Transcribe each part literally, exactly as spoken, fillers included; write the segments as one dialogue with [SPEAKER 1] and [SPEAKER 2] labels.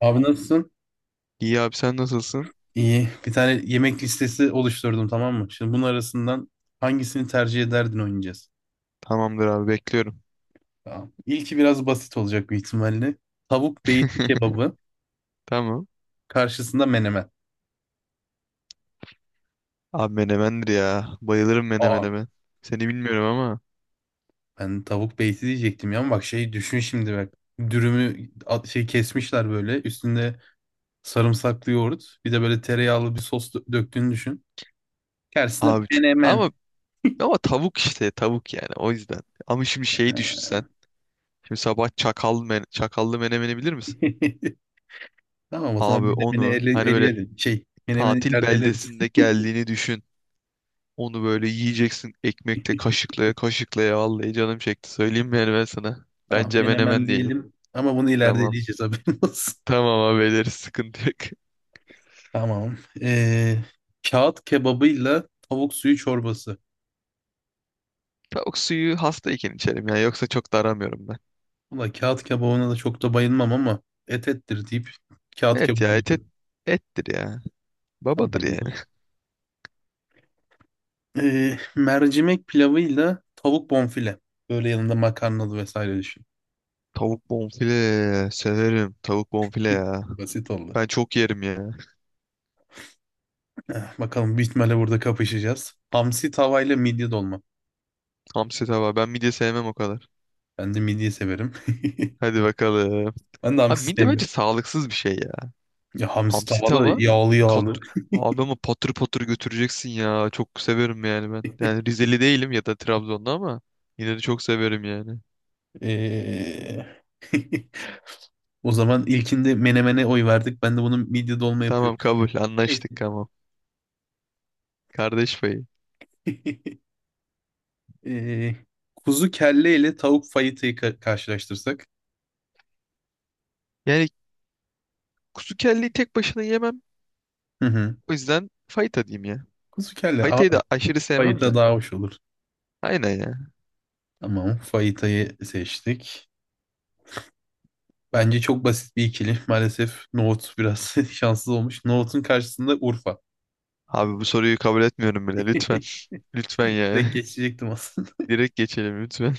[SPEAKER 1] Abi nasılsın?
[SPEAKER 2] İyi abi sen nasılsın?
[SPEAKER 1] İyi. Bir tane yemek listesi oluşturdum, tamam mı? Şimdi bunun arasından hangisini tercih ederdin oynayacağız.
[SPEAKER 2] Tamamdır abi bekliyorum.
[SPEAKER 1] Tamam. İlki biraz basit olacak büyük ihtimalle. Tavuk beyti kebabı
[SPEAKER 2] Tamam.
[SPEAKER 1] karşısında menemen.
[SPEAKER 2] Abi menemendir ya. Bayılırım
[SPEAKER 1] Aa.
[SPEAKER 2] menemene ben. Seni bilmiyorum ama.
[SPEAKER 1] Ben tavuk beyti diyecektim ya, ama bak şey düşün şimdi bak. Dürümü at- şey kesmişler böyle. Üstünde sarımsaklı yoğurt. Bir de böyle tereyağlı bir sos dö- döktüğünü düşün. Karşısında
[SPEAKER 2] Abi çok...
[SPEAKER 1] menemen.
[SPEAKER 2] ama ama tavuk işte tavuk yani o yüzden. Ama şimdi şeyi düşünsen. Şimdi sabah çakal men çakallı menemeni bilir misin?
[SPEAKER 1] Tamam, o zaman
[SPEAKER 2] Abi
[SPEAKER 1] menemeni
[SPEAKER 2] onu
[SPEAKER 1] ele,
[SPEAKER 2] hani böyle
[SPEAKER 1] eleyelim. Şey menemeni
[SPEAKER 2] tatil
[SPEAKER 1] ileride eleriz.
[SPEAKER 2] beldesinde geldiğini düşün. Onu böyle yiyeceksin ekmekle kaşıklaya kaşıklaya vallahi canım çekti. Söyleyeyim mi yani ben sana?
[SPEAKER 1] Tamam,
[SPEAKER 2] Bence
[SPEAKER 1] menemen
[SPEAKER 2] menemen diyelim.
[SPEAKER 1] diyelim ama bunu ileride
[SPEAKER 2] Tamam.
[SPEAKER 1] eleyeceğiz, haberin olsun.
[SPEAKER 2] Tamam abi ederiz sıkıntı yok.
[SPEAKER 1] Tamam. Ee, kağıt kebabıyla tavuk suyu çorbası.
[SPEAKER 2] Tavuk suyu hastayken içerim ya. Yoksa çok da aramıyorum ben.
[SPEAKER 1] Valla kağıt kebabına da çok da bayılmam ama et ettir deyip kağıt
[SPEAKER 2] Evet ya
[SPEAKER 1] kebabı
[SPEAKER 2] et, et
[SPEAKER 1] diyorum.
[SPEAKER 2] ettir ya. Babadır yani.
[SPEAKER 1] Tamamdır. Ee, mercimek pilavıyla tavuk bonfile. Böyle yanında makarnalı vesaire düşün.
[SPEAKER 2] Tavuk bonfile severim. Tavuk bonfile ya.
[SPEAKER 1] Basit oldu.
[SPEAKER 2] Ben çok yerim ya.
[SPEAKER 1] Eh, bakalım, büyük ihtimalle burada kapışacağız. Hamsi tavayla midye dolma.
[SPEAKER 2] Hamsi tava. Ben midye sevmem o kadar.
[SPEAKER 1] Ben de midye severim.
[SPEAKER 2] Hadi bakalım.
[SPEAKER 1] Ben de
[SPEAKER 2] Abi
[SPEAKER 1] hamsi
[SPEAKER 2] midye bence
[SPEAKER 1] sevmiyorum.
[SPEAKER 2] sağlıksız bir şey ya.
[SPEAKER 1] Ya hamsi
[SPEAKER 2] Hamsi
[SPEAKER 1] tavada
[SPEAKER 2] tava.
[SPEAKER 1] yağlı
[SPEAKER 2] Kat...
[SPEAKER 1] yağlı.
[SPEAKER 2] Abi ama patır patır götüreceksin ya. Çok severim yani ben. Yani Rizeli değilim ya da Trabzonlu ama yine de çok severim yani.
[SPEAKER 1] Ee, O zaman ilkinde menemene oy verdik. Ben de bunun midye dolma
[SPEAKER 2] Tamam
[SPEAKER 1] yapıyorum.
[SPEAKER 2] kabul.
[SPEAKER 1] Neyse.
[SPEAKER 2] Anlaştık tamam. Kardeş payı.
[SPEAKER 1] Ee, kuzu kelle ile tavuk fayıtayı ka- karşılaştırsak.
[SPEAKER 2] Yani kuzu kelleyi tek başına yemem.
[SPEAKER 1] Hı hı.
[SPEAKER 2] O yüzden Fayta diyeyim ya.
[SPEAKER 1] Kuzu kelle
[SPEAKER 2] Fayta'yı
[SPEAKER 1] ağır.
[SPEAKER 2] da aşırı sevmem
[SPEAKER 1] Fayita
[SPEAKER 2] de.
[SPEAKER 1] daha hoş olur.
[SPEAKER 2] Aynen ya.
[SPEAKER 1] Tamam. Fayitayı seçtik. Bence çok basit bir ikili. Maalesef nohut biraz şanssız olmuş. Nohutun karşısında Urfa.
[SPEAKER 2] Abi bu soruyu kabul etmiyorum bile lütfen. Lütfen
[SPEAKER 1] Direkt
[SPEAKER 2] yani.
[SPEAKER 1] geçecektim aslında.
[SPEAKER 2] Direkt geçelim lütfen.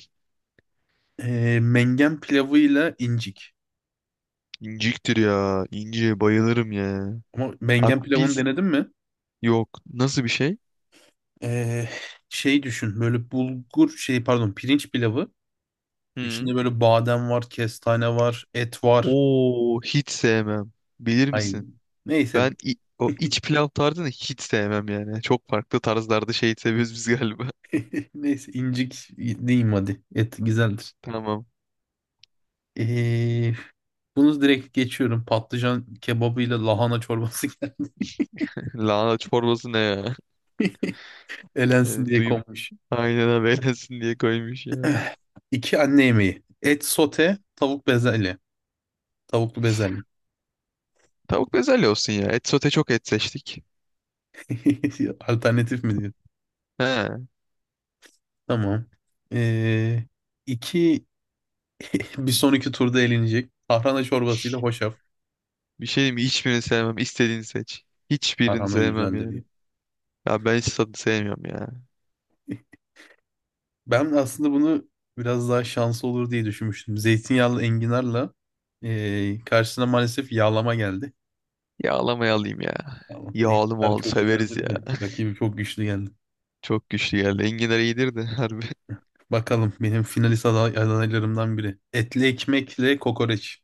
[SPEAKER 1] Ee, mengen pilavıyla incik.
[SPEAKER 2] İnciktir ya. İnci bayılırım ya.
[SPEAKER 1] Ama
[SPEAKER 2] Abi
[SPEAKER 1] mengen pilavını
[SPEAKER 2] biz
[SPEAKER 1] denedin mi?
[SPEAKER 2] yok. Nasıl bir şey?
[SPEAKER 1] Ee, şey düşün, böyle bulgur şey pardon pirinç pilavı,
[SPEAKER 2] Hı.
[SPEAKER 1] içinde böyle badem var, kestane var, et var.
[SPEAKER 2] Oo hiç sevmem. Bilir
[SPEAKER 1] Ay,
[SPEAKER 2] misin?
[SPEAKER 1] neyse.
[SPEAKER 2] Ben i- o iç pilav tarzını hiç sevmem yani. Çok farklı tarzlarda şey seviyoruz biz galiba.
[SPEAKER 1] Neyse, incik diyeyim hadi, et güzeldir.
[SPEAKER 2] Tamam.
[SPEAKER 1] ee, Bunu direkt geçiyorum, patlıcan kebabıyla lahana çorbası geldi,
[SPEAKER 2] Lahana çorbası ne ya? E,
[SPEAKER 1] elensin diye
[SPEAKER 2] duyum
[SPEAKER 1] konmuş.
[SPEAKER 2] aynen haberlesin diye koymuş ya.
[SPEAKER 1] iki anne yemeği, et sote, tavuk bezelye, tavuklu bezelye.
[SPEAKER 2] Tavuk bezelye olsun ya. Et sote çok et seçtik.
[SPEAKER 1] Alternatif mi diyor?
[SPEAKER 2] He.
[SPEAKER 1] Tamam. ee, iki Bir sonraki turda elenecek. Tarhana çorbasıyla hoşaf.
[SPEAKER 2] Bir şey diyeyim mi? Hiçbirini sevmem. İstediğini seç. Hiçbirini
[SPEAKER 1] Tarhana
[SPEAKER 2] sevmem
[SPEAKER 1] güzeldir
[SPEAKER 2] yani.
[SPEAKER 1] diye.
[SPEAKER 2] Ya ben hiç tadı sevmiyorum ya.
[SPEAKER 1] Ben aslında bunu biraz daha şanslı olur diye düşünmüştüm. Zeytinyağlı enginarla, eee, karşısına maalesef yağlama geldi.
[SPEAKER 2] Yağlamayı alayım ya.
[SPEAKER 1] Yağlama.
[SPEAKER 2] Yağlı
[SPEAKER 1] Enginar
[SPEAKER 2] mal
[SPEAKER 1] çok
[SPEAKER 2] severiz
[SPEAKER 1] güzeldir
[SPEAKER 2] ya.
[SPEAKER 1] de rakibi çok güçlü geldi.
[SPEAKER 2] Çok güçlü geldi. Enginar iyidir de harbi.
[SPEAKER 1] Bakalım, benim finalist aday adaylarımdan biri. Etli ekmekle kokoreç.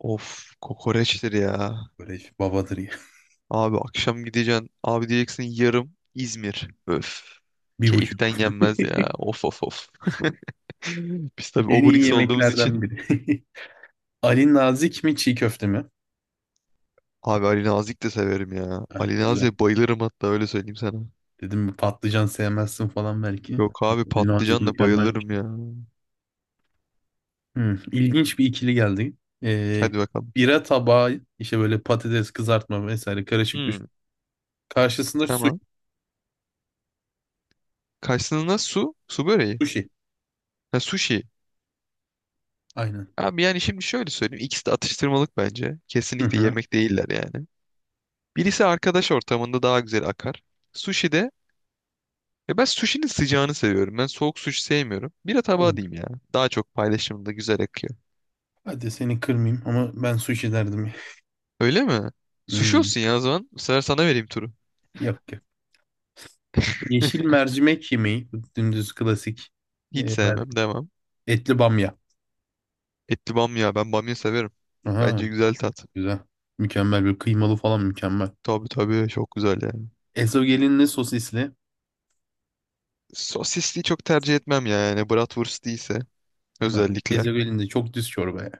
[SPEAKER 2] Of kokoreçtir ya.
[SPEAKER 1] Kokoreç babadır ya.
[SPEAKER 2] Abi akşam gideceksin. Abi diyeceksin yarım İzmir. Öf.
[SPEAKER 1] Bir
[SPEAKER 2] Keyiften
[SPEAKER 1] buçuk.
[SPEAKER 2] yenmez ya. Of of of. Biz tabii
[SPEAKER 1] En iyi
[SPEAKER 2] obrik olduğumuz için.
[SPEAKER 1] yemeklerden biri. Ali Nazik mi çiğ köfte mi?
[SPEAKER 2] Abi Ali Nazik de severim ya.
[SPEAKER 1] Ah,
[SPEAKER 2] Ali
[SPEAKER 1] güzel.
[SPEAKER 2] Nazik'e bayılırım hatta öyle söyleyeyim sana.
[SPEAKER 1] Dedim patlıcan sevmezsin falan belki.
[SPEAKER 2] Yok abi
[SPEAKER 1] Nazik
[SPEAKER 2] patlıcanla
[SPEAKER 1] mükemmel bir
[SPEAKER 2] bayılırım
[SPEAKER 1] şey.
[SPEAKER 2] ya.
[SPEAKER 1] Hmm, ilginç bir ikili geldi. Ee,
[SPEAKER 2] Hadi bakalım.
[SPEAKER 1] bira tabağı, işte böyle patates kızartma vesaire karışık düşün.
[SPEAKER 2] Hmm,
[SPEAKER 1] Karşısında su-
[SPEAKER 2] tamam. Karşısında su, su böreği.
[SPEAKER 1] sushi.
[SPEAKER 2] Ha sushi.
[SPEAKER 1] Aynen.
[SPEAKER 2] Abi yani şimdi şöyle söyleyeyim. İkisi de atıştırmalık bence.
[SPEAKER 1] Hı
[SPEAKER 2] Kesinlikle
[SPEAKER 1] hı.
[SPEAKER 2] yemek değiller yani. Birisi arkadaş ortamında daha güzel akar. Sushi de e ben sushi'nin sıcağını seviyorum. Ben soğuk sushi sevmiyorum. Bira tabağı
[SPEAKER 1] Tamam.
[SPEAKER 2] diyeyim ya. Daha çok paylaşımda güzel akıyor.
[SPEAKER 1] Hadi seni kırmayayım ama ben sushi derdim ya.
[SPEAKER 2] Öyle mi? Sushi
[SPEAKER 1] Hmm,
[SPEAKER 2] olsun ya o zaman. Bu sefer sana vereyim turu.
[SPEAKER 1] Yok ki. Yeşil mercimek yemeği. Bu dümdüz klasik.
[SPEAKER 2] Hiç
[SPEAKER 1] Ee, mer-
[SPEAKER 2] sevmem. Devam.
[SPEAKER 1] etli bamya.
[SPEAKER 2] Etli bamya. Ben bamya severim.
[SPEAKER 1] Aha,
[SPEAKER 2] Bence güzel tat.
[SPEAKER 1] güzel. Mükemmel bir kıymalı falan, mükemmel.
[SPEAKER 2] Tabii tabii çok güzel yani.
[SPEAKER 1] Ezogelinli sosisli.
[SPEAKER 2] Sosisli çok tercih etmem ya. Yani bratwurst değilse
[SPEAKER 1] Ama
[SPEAKER 2] özellikle.
[SPEAKER 1] ezogelin de çok düz çorba ya.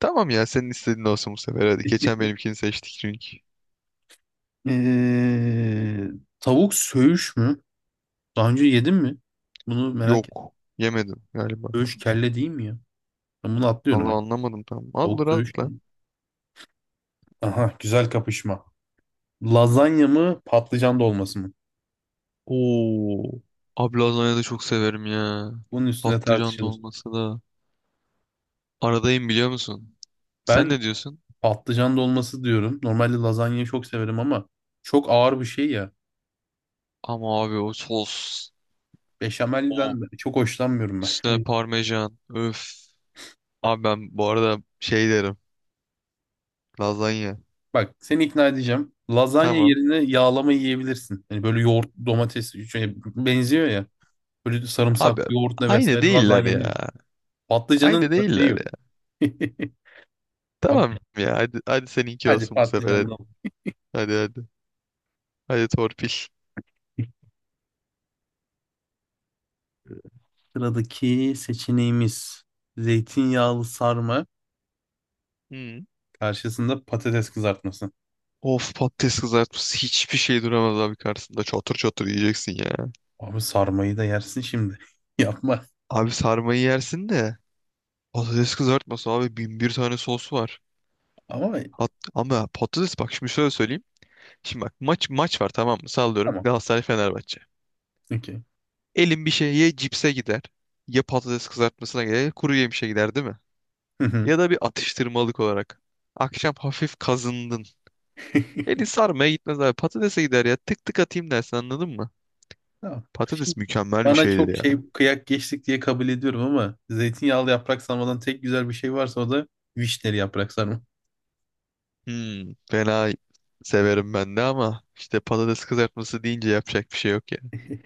[SPEAKER 2] Tamam ya senin istediğin olsun bu sefer hadi. Geçen benimkini seçtik çünkü.
[SPEAKER 1] Ee, tavuk söğüş mü? Daha önce yedim mi? Bunu merak et.
[SPEAKER 2] Yok. Yemedim galiba.
[SPEAKER 1] Söğüş kelle değil mi ya? Ben bunu atlıyorum.
[SPEAKER 2] Allah anlamadım tam.
[SPEAKER 1] Tavuk
[SPEAKER 2] Al
[SPEAKER 1] söğüş
[SPEAKER 2] rahatla.
[SPEAKER 1] değil. Aha, güzel kapışma. Lazanya mı patlıcan dolması mı?
[SPEAKER 2] Oo. Abi lazanyayı da çok severim ya.
[SPEAKER 1] Bunun üstüne
[SPEAKER 2] Patlıcan
[SPEAKER 1] tartışılır.
[SPEAKER 2] dolması da. Aradayım biliyor musun? Sen ne
[SPEAKER 1] Ben
[SPEAKER 2] diyorsun?
[SPEAKER 1] patlıcan dolması diyorum. Normalde lazanyayı çok severim ama çok ağır bir şey ya.
[SPEAKER 2] Ama abi o sos. O
[SPEAKER 1] Beşamelden de çok hoşlanmıyorum ben.
[SPEAKER 2] üstüne
[SPEAKER 1] Ay.
[SPEAKER 2] parmesan. Öf. Abi ben bu arada şey derim. Lazanya.
[SPEAKER 1] Bak, seni ikna edeceğim. Lazanya
[SPEAKER 2] Tamam.
[SPEAKER 1] yerine yağlama yiyebilirsin. Hani böyle yoğurt, domates şey, benziyor ya. Böyle sarımsaklı
[SPEAKER 2] Abi
[SPEAKER 1] yoğurtla
[SPEAKER 2] aynı
[SPEAKER 1] vesaire
[SPEAKER 2] değiller
[SPEAKER 1] lazanya yenir.
[SPEAKER 2] ya. Aynı
[SPEAKER 1] Patlıcanın örneği
[SPEAKER 2] değiller
[SPEAKER 1] yok.
[SPEAKER 2] ya.
[SPEAKER 1] Abi,
[SPEAKER 2] Tamam ya hadi, hadi seninki
[SPEAKER 1] hadi
[SPEAKER 2] olsun bu sefer hadi.
[SPEAKER 1] patlıcanla.
[SPEAKER 2] Hadi hadi. Hadi torpil.
[SPEAKER 1] Sıradaki seçeneğimiz zeytinyağlı sarma,
[SPEAKER 2] Hmm.
[SPEAKER 1] karşısında patates kızartması.
[SPEAKER 2] Of patates kızartması hiçbir şey duramaz abi karşısında. Çatır çatır yiyeceksin ya.
[SPEAKER 1] Abi sarmayı da yersin şimdi. Yapma.
[SPEAKER 2] Abi sarmayı yersin de patates kızartması abi bin bir tane sos var.
[SPEAKER 1] Ama
[SPEAKER 2] Hat- ama patates bak şimdi şöyle söyleyeyim. Şimdi bak maç maç var tamam mı? Sallıyorum
[SPEAKER 1] tamam.
[SPEAKER 2] Galatasaray Fenerbahçe.
[SPEAKER 1] Okey.
[SPEAKER 2] Elim bir şey ya cipse gider ya patates kızartmasına gider ya kuru yemişe gider değil mi?
[SPEAKER 1] Hı hı.
[SPEAKER 2] Ya da bir atıştırmalık olarak. Akşam hafif kazındın. Eli sarmaya gitmez abi. Patatese gider ya. Tık tık atayım dersin anladın mı?
[SPEAKER 1] Tamam. Şimdi
[SPEAKER 2] Patates mükemmel bir
[SPEAKER 1] bana
[SPEAKER 2] şeydir
[SPEAKER 1] çok
[SPEAKER 2] ya.
[SPEAKER 1] şey kıyak geçtik diye kabul ediyorum ama zeytinyağlı yaprak sarmadan tek güzel bir şey varsa o da vişneli yaprak sarma.
[SPEAKER 2] Hmm, fena severim ben de ama işte patates kızartması deyince yapacak bir şey yok ya.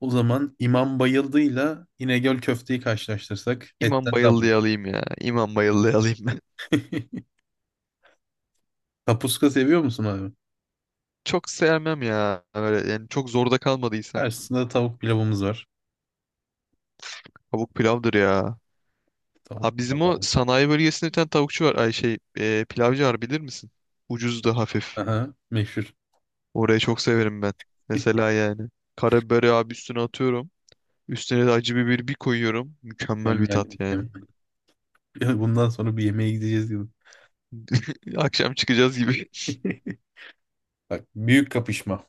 [SPEAKER 1] O zaman İmam Bayıldı'yla İnegöl köfteyi karşılaştırsak,
[SPEAKER 2] İmam
[SPEAKER 1] etten de alalım.
[SPEAKER 2] bayıldığı alayım ya. İmam bayıldığı alayım ben.
[SPEAKER 1] Kapuska seviyor musun abi?
[SPEAKER 2] Çok sevmem ya. Öyle yani çok zorda kalmadıysam.
[SPEAKER 1] Karşısında tavuk pilavımız var.
[SPEAKER 2] Tavuk pilavdır ya.
[SPEAKER 1] Tavuk
[SPEAKER 2] Abi bizim o
[SPEAKER 1] pilavı.
[SPEAKER 2] sanayi bölgesinde bir tane tavukçu var. Ay şey e, pilavcı var bilir misin? Ucuz da hafif.
[SPEAKER 1] Aha, meşhur.
[SPEAKER 2] Orayı çok severim ben. Mesela yani. Karabiberi abi üstüne atıyorum. Üstüne de acı biber bir koyuyorum. Mükemmel bir
[SPEAKER 1] Mükemmel,
[SPEAKER 2] tat yani.
[SPEAKER 1] mükemmel. Ya, bundan sonra bir yemeğe gideceğiz gibi.
[SPEAKER 2] Akşam çıkacağız gibi.
[SPEAKER 1] Bak, büyük kapışma.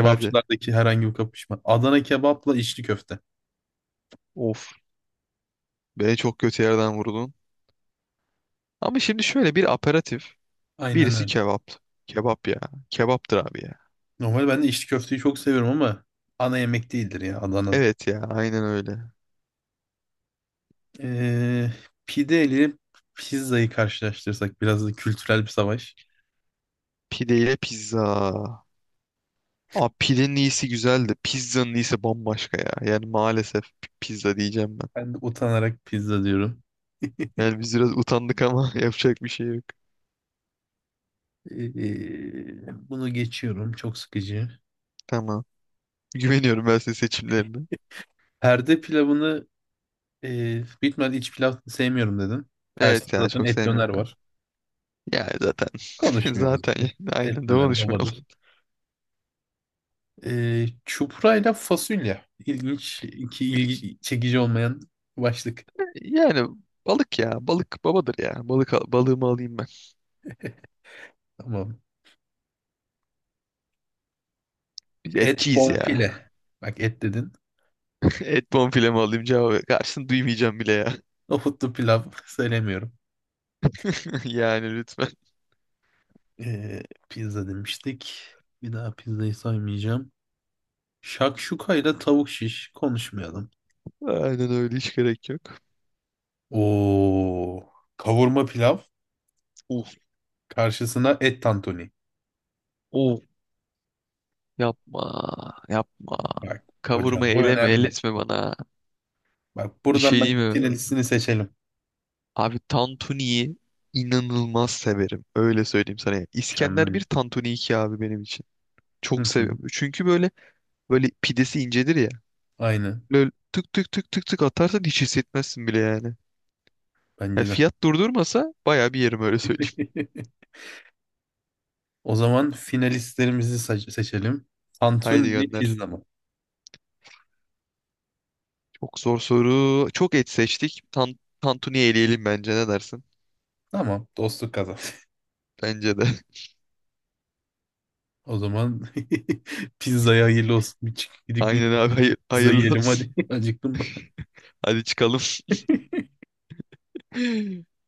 [SPEAKER 2] Hadi.
[SPEAKER 1] herhangi bir kapışma. Adana kebapla içli köfte.
[SPEAKER 2] Of. Beni çok kötü yerden vurdun. Ama şimdi şöyle bir aperatif.
[SPEAKER 1] Aynen
[SPEAKER 2] Birisi
[SPEAKER 1] öyle.
[SPEAKER 2] kebap. Kebap ya. Kebaptır abi ya.
[SPEAKER 1] Normalde ben de içli köfteyi çok seviyorum ama ana yemek değildir ya Adana.
[SPEAKER 2] Evet ya aynen öyle.
[SPEAKER 1] Ee, pide ile pizzayı karşılaştırsak, biraz da kültürel bir savaş.
[SPEAKER 2] Pide ile pizza. Abi pidenin iyisi güzeldi. Pizzanın iyisi bambaşka ya. Yani maalesef p- pizza diyeceğim ben.
[SPEAKER 1] Ben de utanarak pizza diyorum.
[SPEAKER 2] Yani biz biraz utandık ama yapacak bir şey yok.
[SPEAKER 1] Ee, bunu geçiyorum. Çok sıkıcı.
[SPEAKER 2] Tamam. Güveniyorum ben senin seçimlerine.
[SPEAKER 1] Perde pilavını, e, bitmedi, iç pilav sevmiyorum dedin. Karşısında
[SPEAKER 2] Evet ya
[SPEAKER 1] zaten
[SPEAKER 2] çok
[SPEAKER 1] et
[SPEAKER 2] sevmiyorum.
[SPEAKER 1] döner var.
[SPEAKER 2] Yani zaten
[SPEAKER 1] Konuşmuyoruz.
[SPEAKER 2] zaten yani
[SPEAKER 1] Et
[SPEAKER 2] aynen de
[SPEAKER 1] döner
[SPEAKER 2] konuşmayalım.
[SPEAKER 1] babadır. Ee, çupra ile fasulye. İlginç, iki ilgi çekici olmayan başlık.
[SPEAKER 2] Yani balık ya. Balık babadır ya. Balık al- balığımı alayım ben.
[SPEAKER 1] Tamam.
[SPEAKER 2] Biz
[SPEAKER 1] Et
[SPEAKER 2] etçiyiz ya.
[SPEAKER 1] bonfile. Bak, et dedin.
[SPEAKER 2] Et bonfilemi alayım cevabı. Karşını duymayacağım bile ya.
[SPEAKER 1] Nohutlu pilav söylemiyorum.
[SPEAKER 2] Yani lütfen.
[SPEAKER 1] Ee, pizza demiştik. Bir daha pizzayı saymayacağım. Şakşuka ile tavuk şiş, konuşmayalım.
[SPEAKER 2] Aynen öyle hiç gerek yok.
[SPEAKER 1] Oo, kavurma pilav
[SPEAKER 2] Uf
[SPEAKER 1] karşısına et tantuni.
[SPEAKER 2] uf yapma yapma.
[SPEAKER 1] Bak
[SPEAKER 2] Kavurma
[SPEAKER 1] hocam, bu
[SPEAKER 2] eleme
[SPEAKER 1] önemli.
[SPEAKER 2] elletme bana.
[SPEAKER 1] Bak,
[SPEAKER 2] Bir
[SPEAKER 1] buradan
[SPEAKER 2] şey
[SPEAKER 1] ben
[SPEAKER 2] diyeyim mi?
[SPEAKER 1] finalistini seçelim.
[SPEAKER 2] Abi tantuniyi inanılmaz severim. Öyle söyleyeyim sana. Ya. İskender
[SPEAKER 1] Mükemmel.
[SPEAKER 2] bir tantuni iki abi benim için.
[SPEAKER 1] Hı
[SPEAKER 2] Çok
[SPEAKER 1] hı,
[SPEAKER 2] seviyorum. Çünkü böyle Böyle pidesi incedir ya.
[SPEAKER 1] aynen.
[SPEAKER 2] Böyle tık tık tık tık tık atarsan hiç hissetmezsin bile yani. Yani
[SPEAKER 1] Bence de.
[SPEAKER 2] fiyat durdurmasa baya bir yerim öyle söyleyeyim.
[SPEAKER 1] O zaman finalistlerimizi se- seçelim.
[SPEAKER 2] Haydi
[SPEAKER 1] Tantuni mi
[SPEAKER 2] gönder.
[SPEAKER 1] pizza mı?
[SPEAKER 2] Çok zor soru. Çok et seçtik. Tan Tantuni eleyelim bence ne dersin?
[SPEAKER 1] Tamam, dostluk kazan.
[SPEAKER 2] Bence de.
[SPEAKER 1] O zaman pizzaya hayırlı olsun. Bir çık gidip bir
[SPEAKER 2] Aynen abi hayır,
[SPEAKER 1] pizza
[SPEAKER 2] hayırlı
[SPEAKER 1] yiyelim
[SPEAKER 2] olsun.
[SPEAKER 1] hadi. Acıktım.
[SPEAKER 2] Hadi çıkalım.